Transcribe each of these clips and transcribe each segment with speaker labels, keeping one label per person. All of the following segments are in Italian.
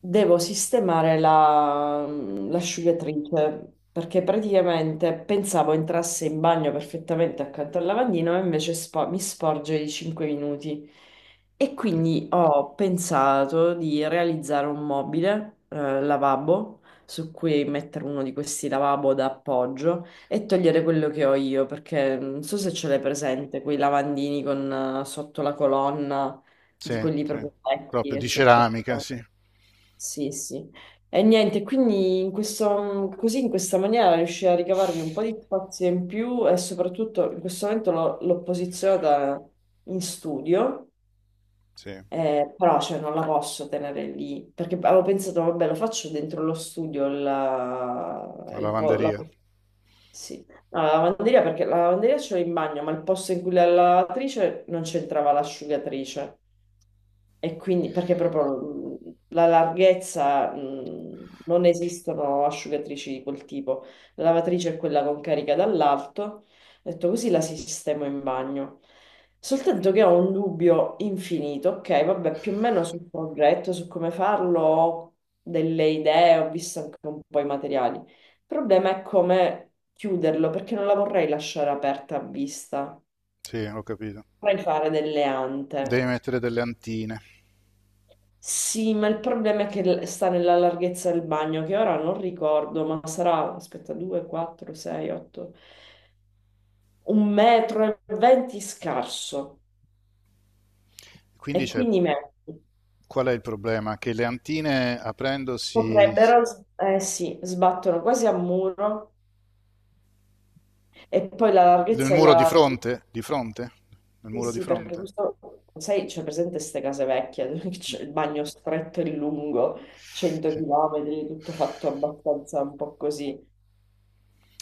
Speaker 1: Devo sistemare l'asciugatrice perché praticamente pensavo entrasse in bagno perfettamente accanto al lavandino e invece mi sporge di 5 minuti. E quindi ho pensato di realizzare un mobile, lavabo, su cui mettere uno di questi lavabo da appoggio e togliere quello che ho io perché non so se ce l'hai presente, quei lavandini con sotto la colonna
Speaker 2: Sì,
Speaker 1: di quelli
Speaker 2: sì.
Speaker 1: proprio vecchi,
Speaker 2: Proprio di
Speaker 1: eccetera,
Speaker 2: ceramica,
Speaker 1: eccetera.
Speaker 2: sì,
Speaker 1: Sì, sì. E niente, quindi in questo, così in questa maniera riuscii a ricavarmi un po' di spazio in più e soprattutto in questo momento l'ho posizionata in studio,
Speaker 2: sì, una
Speaker 1: però cioè, non la posso tenere lì perché avevo pensato, vabbè, lo faccio dentro lo studio, la, il po- la-
Speaker 2: lavanderia,
Speaker 1: sì. No, la lavanderia perché la lavanderia ce l'ho in bagno, ma il posto in cui la lavatrice non c'entrava l'asciugatrice. E quindi, perché proprio la larghezza, non esistono asciugatrici di quel tipo. La lavatrice è quella con carica dall'alto. Ho detto così la sistemo in bagno. Soltanto che ho un dubbio infinito. Ok, vabbè, più o meno sul progetto, su come farlo, ho delle idee, ho visto anche un po' i materiali. Il problema è come chiuderlo, perché non la vorrei lasciare aperta a vista.
Speaker 2: sì, ho capito.
Speaker 1: Vorrei fare delle
Speaker 2: Devi
Speaker 1: ante.
Speaker 2: mettere delle antine.
Speaker 1: Sì, ma il problema è che sta nella larghezza del bagno, che ora non ricordo, ma sarà, aspetta, 2, 4, 6, 8, un metro e 20 scarso.
Speaker 2: Quindi
Speaker 1: E
Speaker 2: c'è,
Speaker 1: quindi
Speaker 2: qual è il problema? Che le antine aprendosi
Speaker 1: potrebbero, eh sì, sbattono quasi a muro. E poi la
Speaker 2: nel
Speaker 1: larghezza
Speaker 2: muro
Speaker 1: della...
Speaker 2: di fronte, nel
Speaker 1: Sì,
Speaker 2: muro di
Speaker 1: sì, perché
Speaker 2: fronte.
Speaker 1: questo, sai, c'è presente queste case vecchie, dove
Speaker 2: Mm.
Speaker 1: c'è il bagno stretto e lungo, 100
Speaker 2: Sì.
Speaker 1: km, tutto fatto abbastanza un po' così.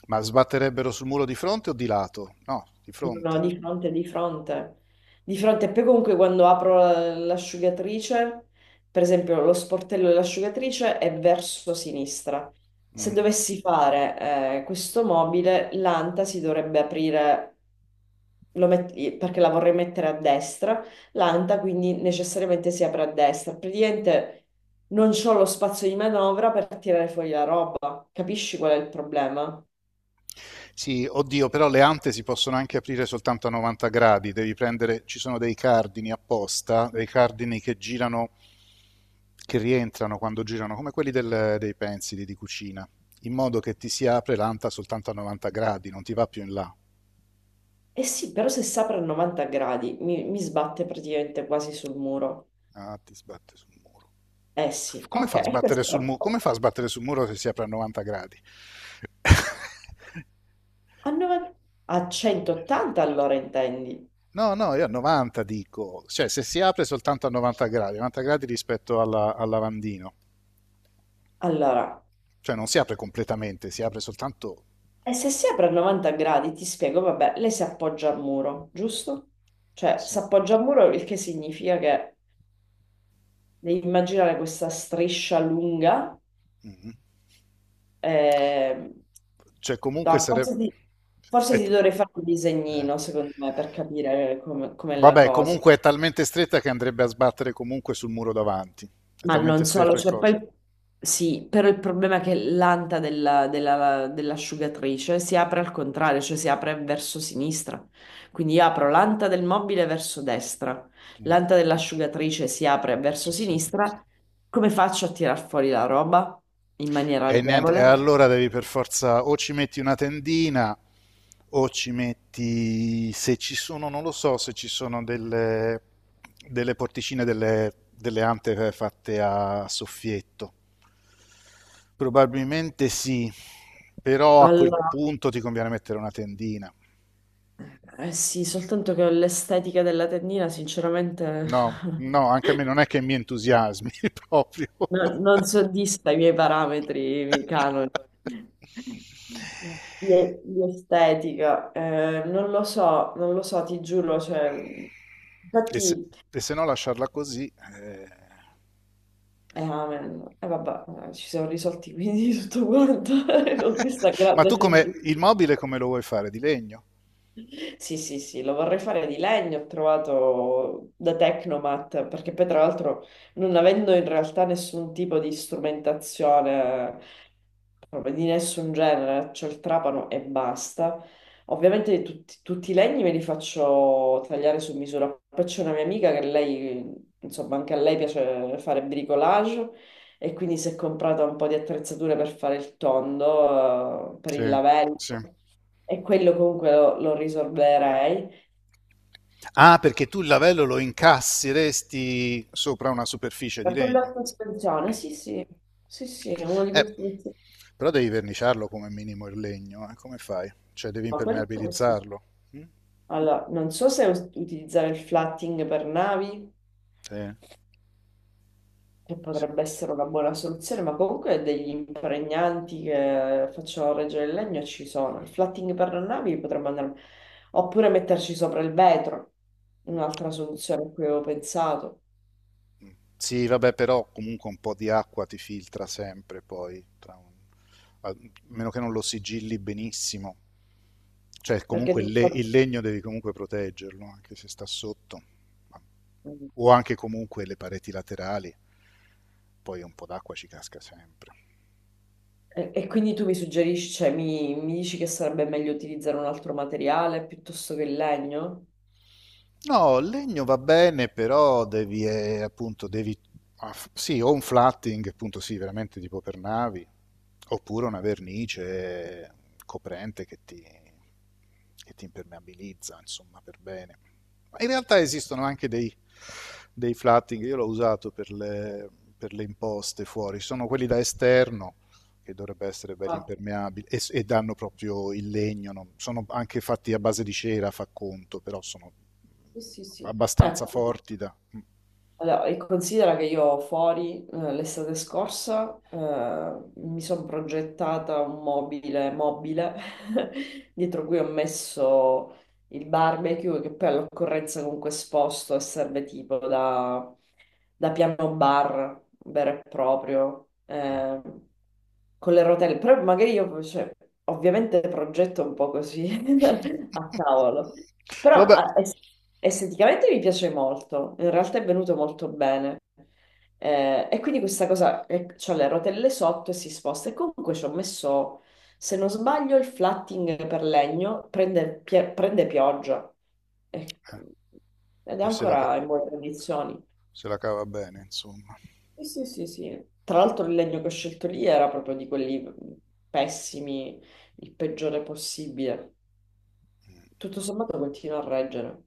Speaker 2: Ma sbatterebbero sul muro di fronte o di lato? No, di
Speaker 1: No, no,
Speaker 2: fronte.
Speaker 1: di fronte, di fronte, di fronte. E poi comunque quando apro l'asciugatrice, per esempio lo sportello dell'asciugatrice è verso sinistra. Se
Speaker 2: Mm.
Speaker 1: dovessi fare questo mobile, l'anta si dovrebbe aprire, perché la vorrei mettere a destra, l'anta quindi necessariamente si apre a destra. Praticamente non ho lo spazio di manovra per tirare fuori la roba. Capisci qual è il problema?
Speaker 2: Sì, oddio, però le ante si possono anche aprire soltanto a 90 gradi, devi prendere, ci sono dei cardini apposta, dei cardini che girano, che rientrano quando girano, come quelli dei pensili di cucina, in modo che ti si apre l'anta soltanto a 90 gradi, non ti va più in là.
Speaker 1: Eh sì, però se si apre a 90 gradi mi sbatte praticamente quasi sul muro.
Speaker 2: Ah, ti sbatte sul muro.
Speaker 1: Eh sì,
Speaker 2: Come fa a
Speaker 1: ok,
Speaker 2: sbattere sul
Speaker 1: questo
Speaker 2: muro? Come fa a sbattere sul muro se si apre a 90 gradi?
Speaker 1: 90, a 180 allora intendi.
Speaker 2: No, no, io a 90 dico, cioè se si apre soltanto a 90 gradi, 90 gradi rispetto al lavandino.
Speaker 1: Allora,
Speaker 2: Cioè non si apre completamente, si apre soltanto...
Speaker 1: e se si apre a 90 gradi, ti spiego, vabbè, lei si appoggia al muro, giusto? Cioè, si
Speaker 2: Sì.
Speaker 1: appoggia al muro, il che significa che devi immaginare questa striscia lunga.
Speaker 2: Mhm.
Speaker 1: eh,
Speaker 2: Cioè comunque
Speaker 1: no,
Speaker 2: sarebbe...
Speaker 1: forse
Speaker 2: è
Speaker 1: ti
Speaker 2: t-
Speaker 1: dovrei fare un
Speaker 2: eh.
Speaker 1: disegnino, secondo me, per capire come com'è la
Speaker 2: Vabbè,
Speaker 1: cosa.
Speaker 2: comunque è talmente stretta che andrebbe a sbattere comunque sul muro davanti. È
Speaker 1: Ma
Speaker 2: talmente
Speaker 1: non
Speaker 2: stretto
Speaker 1: solo,
Speaker 2: il
Speaker 1: cioè poi
Speaker 2: coso.
Speaker 1: sì, però il problema è che l'anta dell'asciugatrice si apre al contrario, cioè si apre verso sinistra. Quindi io apro l'anta del mobile verso destra,
Speaker 2: Mm.
Speaker 1: l'anta dell'asciugatrice si apre verso
Speaker 2: Sì, sì.
Speaker 1: sinistra. Come faccio a tirar fuori la roba in maniera
Speaker 2: E niente, e
Speaker 1: agevole?
Speaker 2: allora devi per forza o ci metti una tendina o ci metti, se ci sono, non lo so, se ci sono delle porticine, delle ante fatte a soffietto. Probabilmente sì, però a quel
Speaker 1: Allora,
Speaker 2: punto ti conviene mettere una tendina.
Speaker 1: eh sì, soltanto che l'estetica della tendina, sinceramente,
Speaker 2: No, no, anche a me non è che mi entusiasmi proprio.
Speaker 1: Non soddisfa i miei parametri, i miei canoni di, di estetica. Non lo so, non lo so, ti giuro. Cioè,
Speaker 2: E se,
Speaker 1: infatti,
Speaker 2: e se no lasciarla così. Eh.
Speaker 1: amen. Vabbè, ci siamo risolti quindi tutto quanto con questa
Speaker 2: Ma
Speaker 1: grande
Speaker 2: tu come
Speaker 1: semplicità.
Speaker 2: il mobile come lo vuoi fare? Di legno?
Speaker 1: Sì, sì, sì, lo vorrei fare di legno, ho trovato da Tecnomat, perché poi tra l'altro non avendo in realtà nessun tipo di strumentazione proprio di nessun genere, c'ho il trapano e basta. Ovviamente tutti i legni me li faccio tagliare su misura. Poi c'è una mia amica che lei, insomma, anche a lei piace fare bricolage e quindi si è comprata un po' di attrezzature per fare il tondo, per
Speaker 2: Sì,
Speaker 1: il lavello
Speaker 2: sì.
Speaker 1: e quello comunque lo risolverei.
Speaker 2: Ah, perché tu il lavello lo incassi, resti sopra una superficie di
Speaker 1: Per quello a
Speaker 2: legno.
Speaker 1: sospensione, sì, sì, sì, sì, è uno di
Speaker 2: Eh,
Speaker 1: questi.
Speaker 2: però devi verniciarlo come minimo il legno, come fai? Cioè devi
Speaker 1: No, quello sì.
Speaker 2: impermeabilizzarlo. Mm?
Speaker 1: Allora, non so se utilizzare il flatting per navi,
Speaker 2: Sì.
Speaker 1: che
Speaker 2: Sì.
Speaker 1: potrebbe essere una buona soluzione, ma comunque degli impregnanti che facciano reggere il legno ci sono. Il flatting per le navi potremmo andare, oppure metterci sopra il vetro, un'altra soluzione a cui avevo pensato.
Speaker 2: Sì, vabbè, però comunque un po' di acqua ti filtra sempre poi, a meno che non lo sigilli benissimo. Cioè
Speaker 1: Perché
Speaker 2: comunque
Speaker 1: tu...
Speaker 2: il legno devi comunque proteggerlo, anche se sta sotto.
Speaker 1: E,
Speaker 2: O anche comunque le pareti laterali, poi un po' d'acqua ci casca sempre.
Speaker 1: e quindi tu mi suggerisci, cioè mi dici che sarebbe meglio utilizzare un altro materiale piuttosto che il legno?
Speaker 2: No, il legno va bene, però devi, appunto, devi, ah, f- sì, o un flatting, appunto, sì, veramente tipo per navi, oppure una vernice coprente che ti impermeabilizza, insomma, per bene. Ma in realtà esistono anche dei flatting, io l'ho usato per le imposte fuori, sono quelli da esterno, che dovrebbe essere belli
Speaker 1: Ah,
Speaker 2: impermeabili, e danno proprio il legno, no? Sono anche fatti a base di cera, fa conto, però sono
Speaker 1: sì, sì, sì.
Speaker 2: abbastanza
Speaker 1: Ecco.
Speaker 2: forti da...
Speaker 1: Allora, e considera che io fuori l'estate scorsa mi sono progettata un mobile dietro cui ho messo il barbecue che poi all'occorrenza comunque esposto e serve tipo da, da piano bar vero e proprio con le rotelle però magari io cioè, ovviamente progetto un po' così a cavolo però
Speaker 2: Vabbè,
Speaker 1: esteticamente mi piace molto, in realtà è venuto molto bene. E quindi questa cosa, c'ho le rotelle sotto e si sposta e comunque ci ho messo, se non sbaglio, il flatting per legno prende, prende pioggia. Eh, ed è
Speaker 2: eh, se, la,
Speaker 1: ancora in buone condizioni.
Speaker 2: se la cava bene, insomma.
Speaker 1: Sì, sì, sì, sì. Tra l'altro il legno che ho scelto lì era proprio di quelli pessimi, il peggiore possibile. Tutto sommato continua a reggere.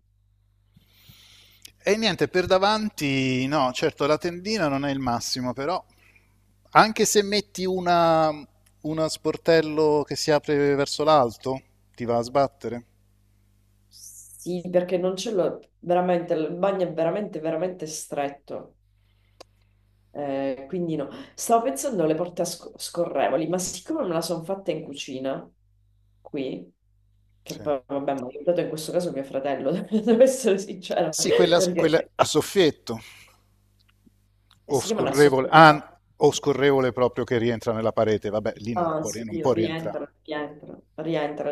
Speaker 2: E niente, per davanti, no, certo la tendina non è il massimo, però anche se metti uno sportello che si apre verso l'alto, ti va a sbattere.
Speaker 1: Sì, perché non c'è lo... veramente, il bagno è veramente, veramente stretto. Quindi no. Stavo pensando alle porte a scorrevoli, ma siccome me la sono fatta in cucina, qui, che
Speaker 2: Sì,
Speaker 1: poi, vabbè, mi ha aiutato in questo caso mio fratello, devo essere sincera,
Speaker 2: sì quella,
Speaker 1: perché
Speaker 2: quella a soffietto o
Speaker 1: si chiama una
Speaker 2: scorrevole,
Speaker 1: sorpresa.
Speaker 2: ah, o scorrevole proprio che rientra nella parete, vabbè, lì
Speaker 1: Ah, sì,
Speaker 2: non può rientrare.
Speaker 1: rientra, rientra, rientra,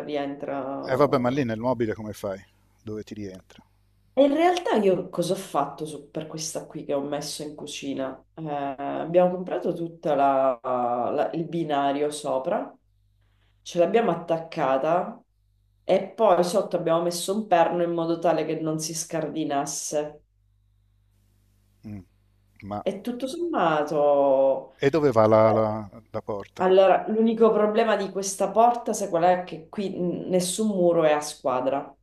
Speaker 2: Vabbè, ma lì
Speaker 1: rientra.
Speaker 2: nel mobile come fai? Dove ti rientra?
Speaker 1: E in realtà io cosa ho fatto per questa qui che ho messo in cucina? Abbiamo comprato tutto il binario sopra, ce l'abbiamo attaccata e poi sotto abbiamo messo un perno in modo tale che non si scardinasse.
Speaker 2: Mm. Ma
Speaker 1: E tutto sommato,
Speaker 2: E dove va
Speaker 1: vabbè,
Speaker 2: la porta?
Speaker 1: allora, l'unico problema di questa porta, sai qual è? Che qui nessun muro è a squadra.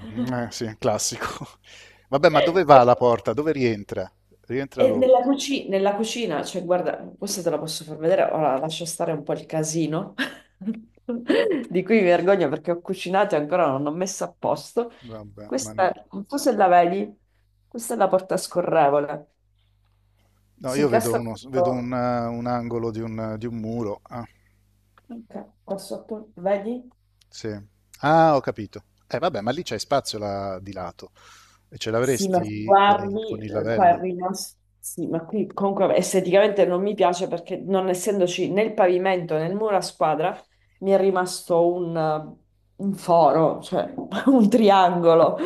Speaker 2: Mm. Sì, classico. Vabbè, ma dove va la porta? Dove rientra? Rientra
Speaker 1: E
Speaker 2: dove?
Speaker 1: nella, nella cucina, cioè guarda, questa te la posso far vedere, ora lascio stare un po' il casino di cui mi vergogno perché ho cucinato e ancora non ho messo a posto.
Speaker 2: Vabbè, ma ne-
Speaker 1: Questa, non so se la vedi, questa è la porta scorrevole,
Speaker 2: No,
Speaker 1: si
Speaker 2: io vedo,
Speaker 1: incastra
Speaker 2: uno, vedo un,
Speaker 1: questo,
Speaker 2: eh, un angolo di di un muro. Ah,
Speaker 1: ok, questo appunto, vedi?
Speaker 2: sì. Ah, ho capito. Vabbè, ma lì c'è spazio là di lato. E ce
Speaker 1: Sì, ma se
Speaker 2: l'avresti
Speaker 1: guardi,
Speaker 2: con il
Speaker 1: qua è
Speaker 2: lavello?
Speaker 1: rimasto. Sì, ma qui comunque esteticamente non mi piace perché non essendoci né il pavimento né il muro a squadra, mi è rimasto un foro, cioè un triangolo.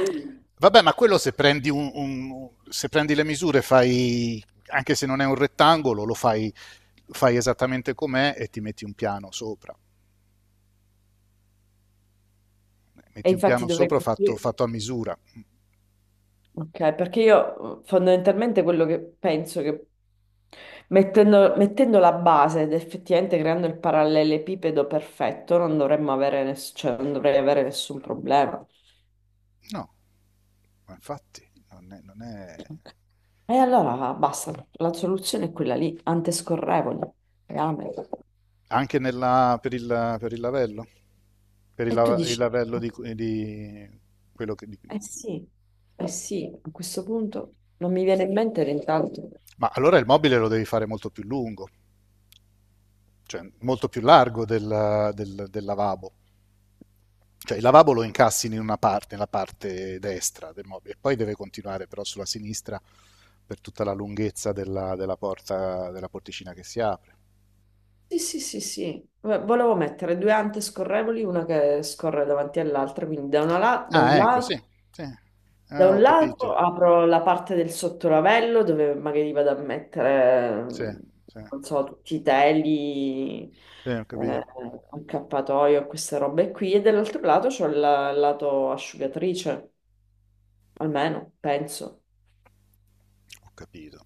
Speaker 2: Vabbè, ma quello se prendi, se prendi le misure, fai, anche se non è un rettangolo, lo fai, fai esattamente com'è e ti metti un piano sopra.
Speaker 1: E
Speaker 2: Metti un
Speaker 1: infatti
Speaker 2: piano
Speaker 1: dovrei
Speaker 2: sopra fatto,
Speaker 1: costruire.
Speaker 2: fatto a misura.
Speaker 1: Ok, perché io fondamentalmente quello che penso che mettendo la base ed effettivamente creando il parallelepipedo perfetto, non dovremmo avere, cioè, non dovrei avere nessun problema.
Speaker 2: No, ma infatti non è...
Speaker 1: E allora basta, la soluzione è quella lì, antescorrevoli, rame.
Speaker 2: Anche per per il lavello? Per
Speaker 1: E tu
Speaker 2: il
Speaker 1: dici,
Speaker 2: lavello di quello che...
Speaker 1: eh sì, eh sì, a questo punto non mi viene in mente l'intanto.
Speaker 2: Ma allora il mobile lo devi fare molto più lungo, cioè molto più largo del lavabo. Cioè il lavabo lo incassi in una parte, nella parte destra del mobile, e poi deve continuare però sulla sinistra per tutta la lunghezza della porta, della porticina che si apre.
Speaker 1: Sì, sì, sì, sì. Volevo mettere 2 ante scorrevoli, una che scorre davanti all'altra, quindi da, una da un
Speaker 2: Ah, ecco,
Speaker 1: lato.
Speaker 2: sì, sì.
Speaker 1: Da
Speaker 2: Ah,
Speaker 1: un
Speaker 2: ho capito.
Speaker 1: lato apro la parte del sottolavello dove magari vado a mettere,
Speaker 2: Sì, sì,
Speaker 1: non so, tutti i teli,
Speaker 2: sì, ho capito.
Speaker 1: eh, accappatoio, queste robe qui, e dall'altro lato c'ho il lato asciugatrice, almeno, penso.
Speaker 2: Ho capito.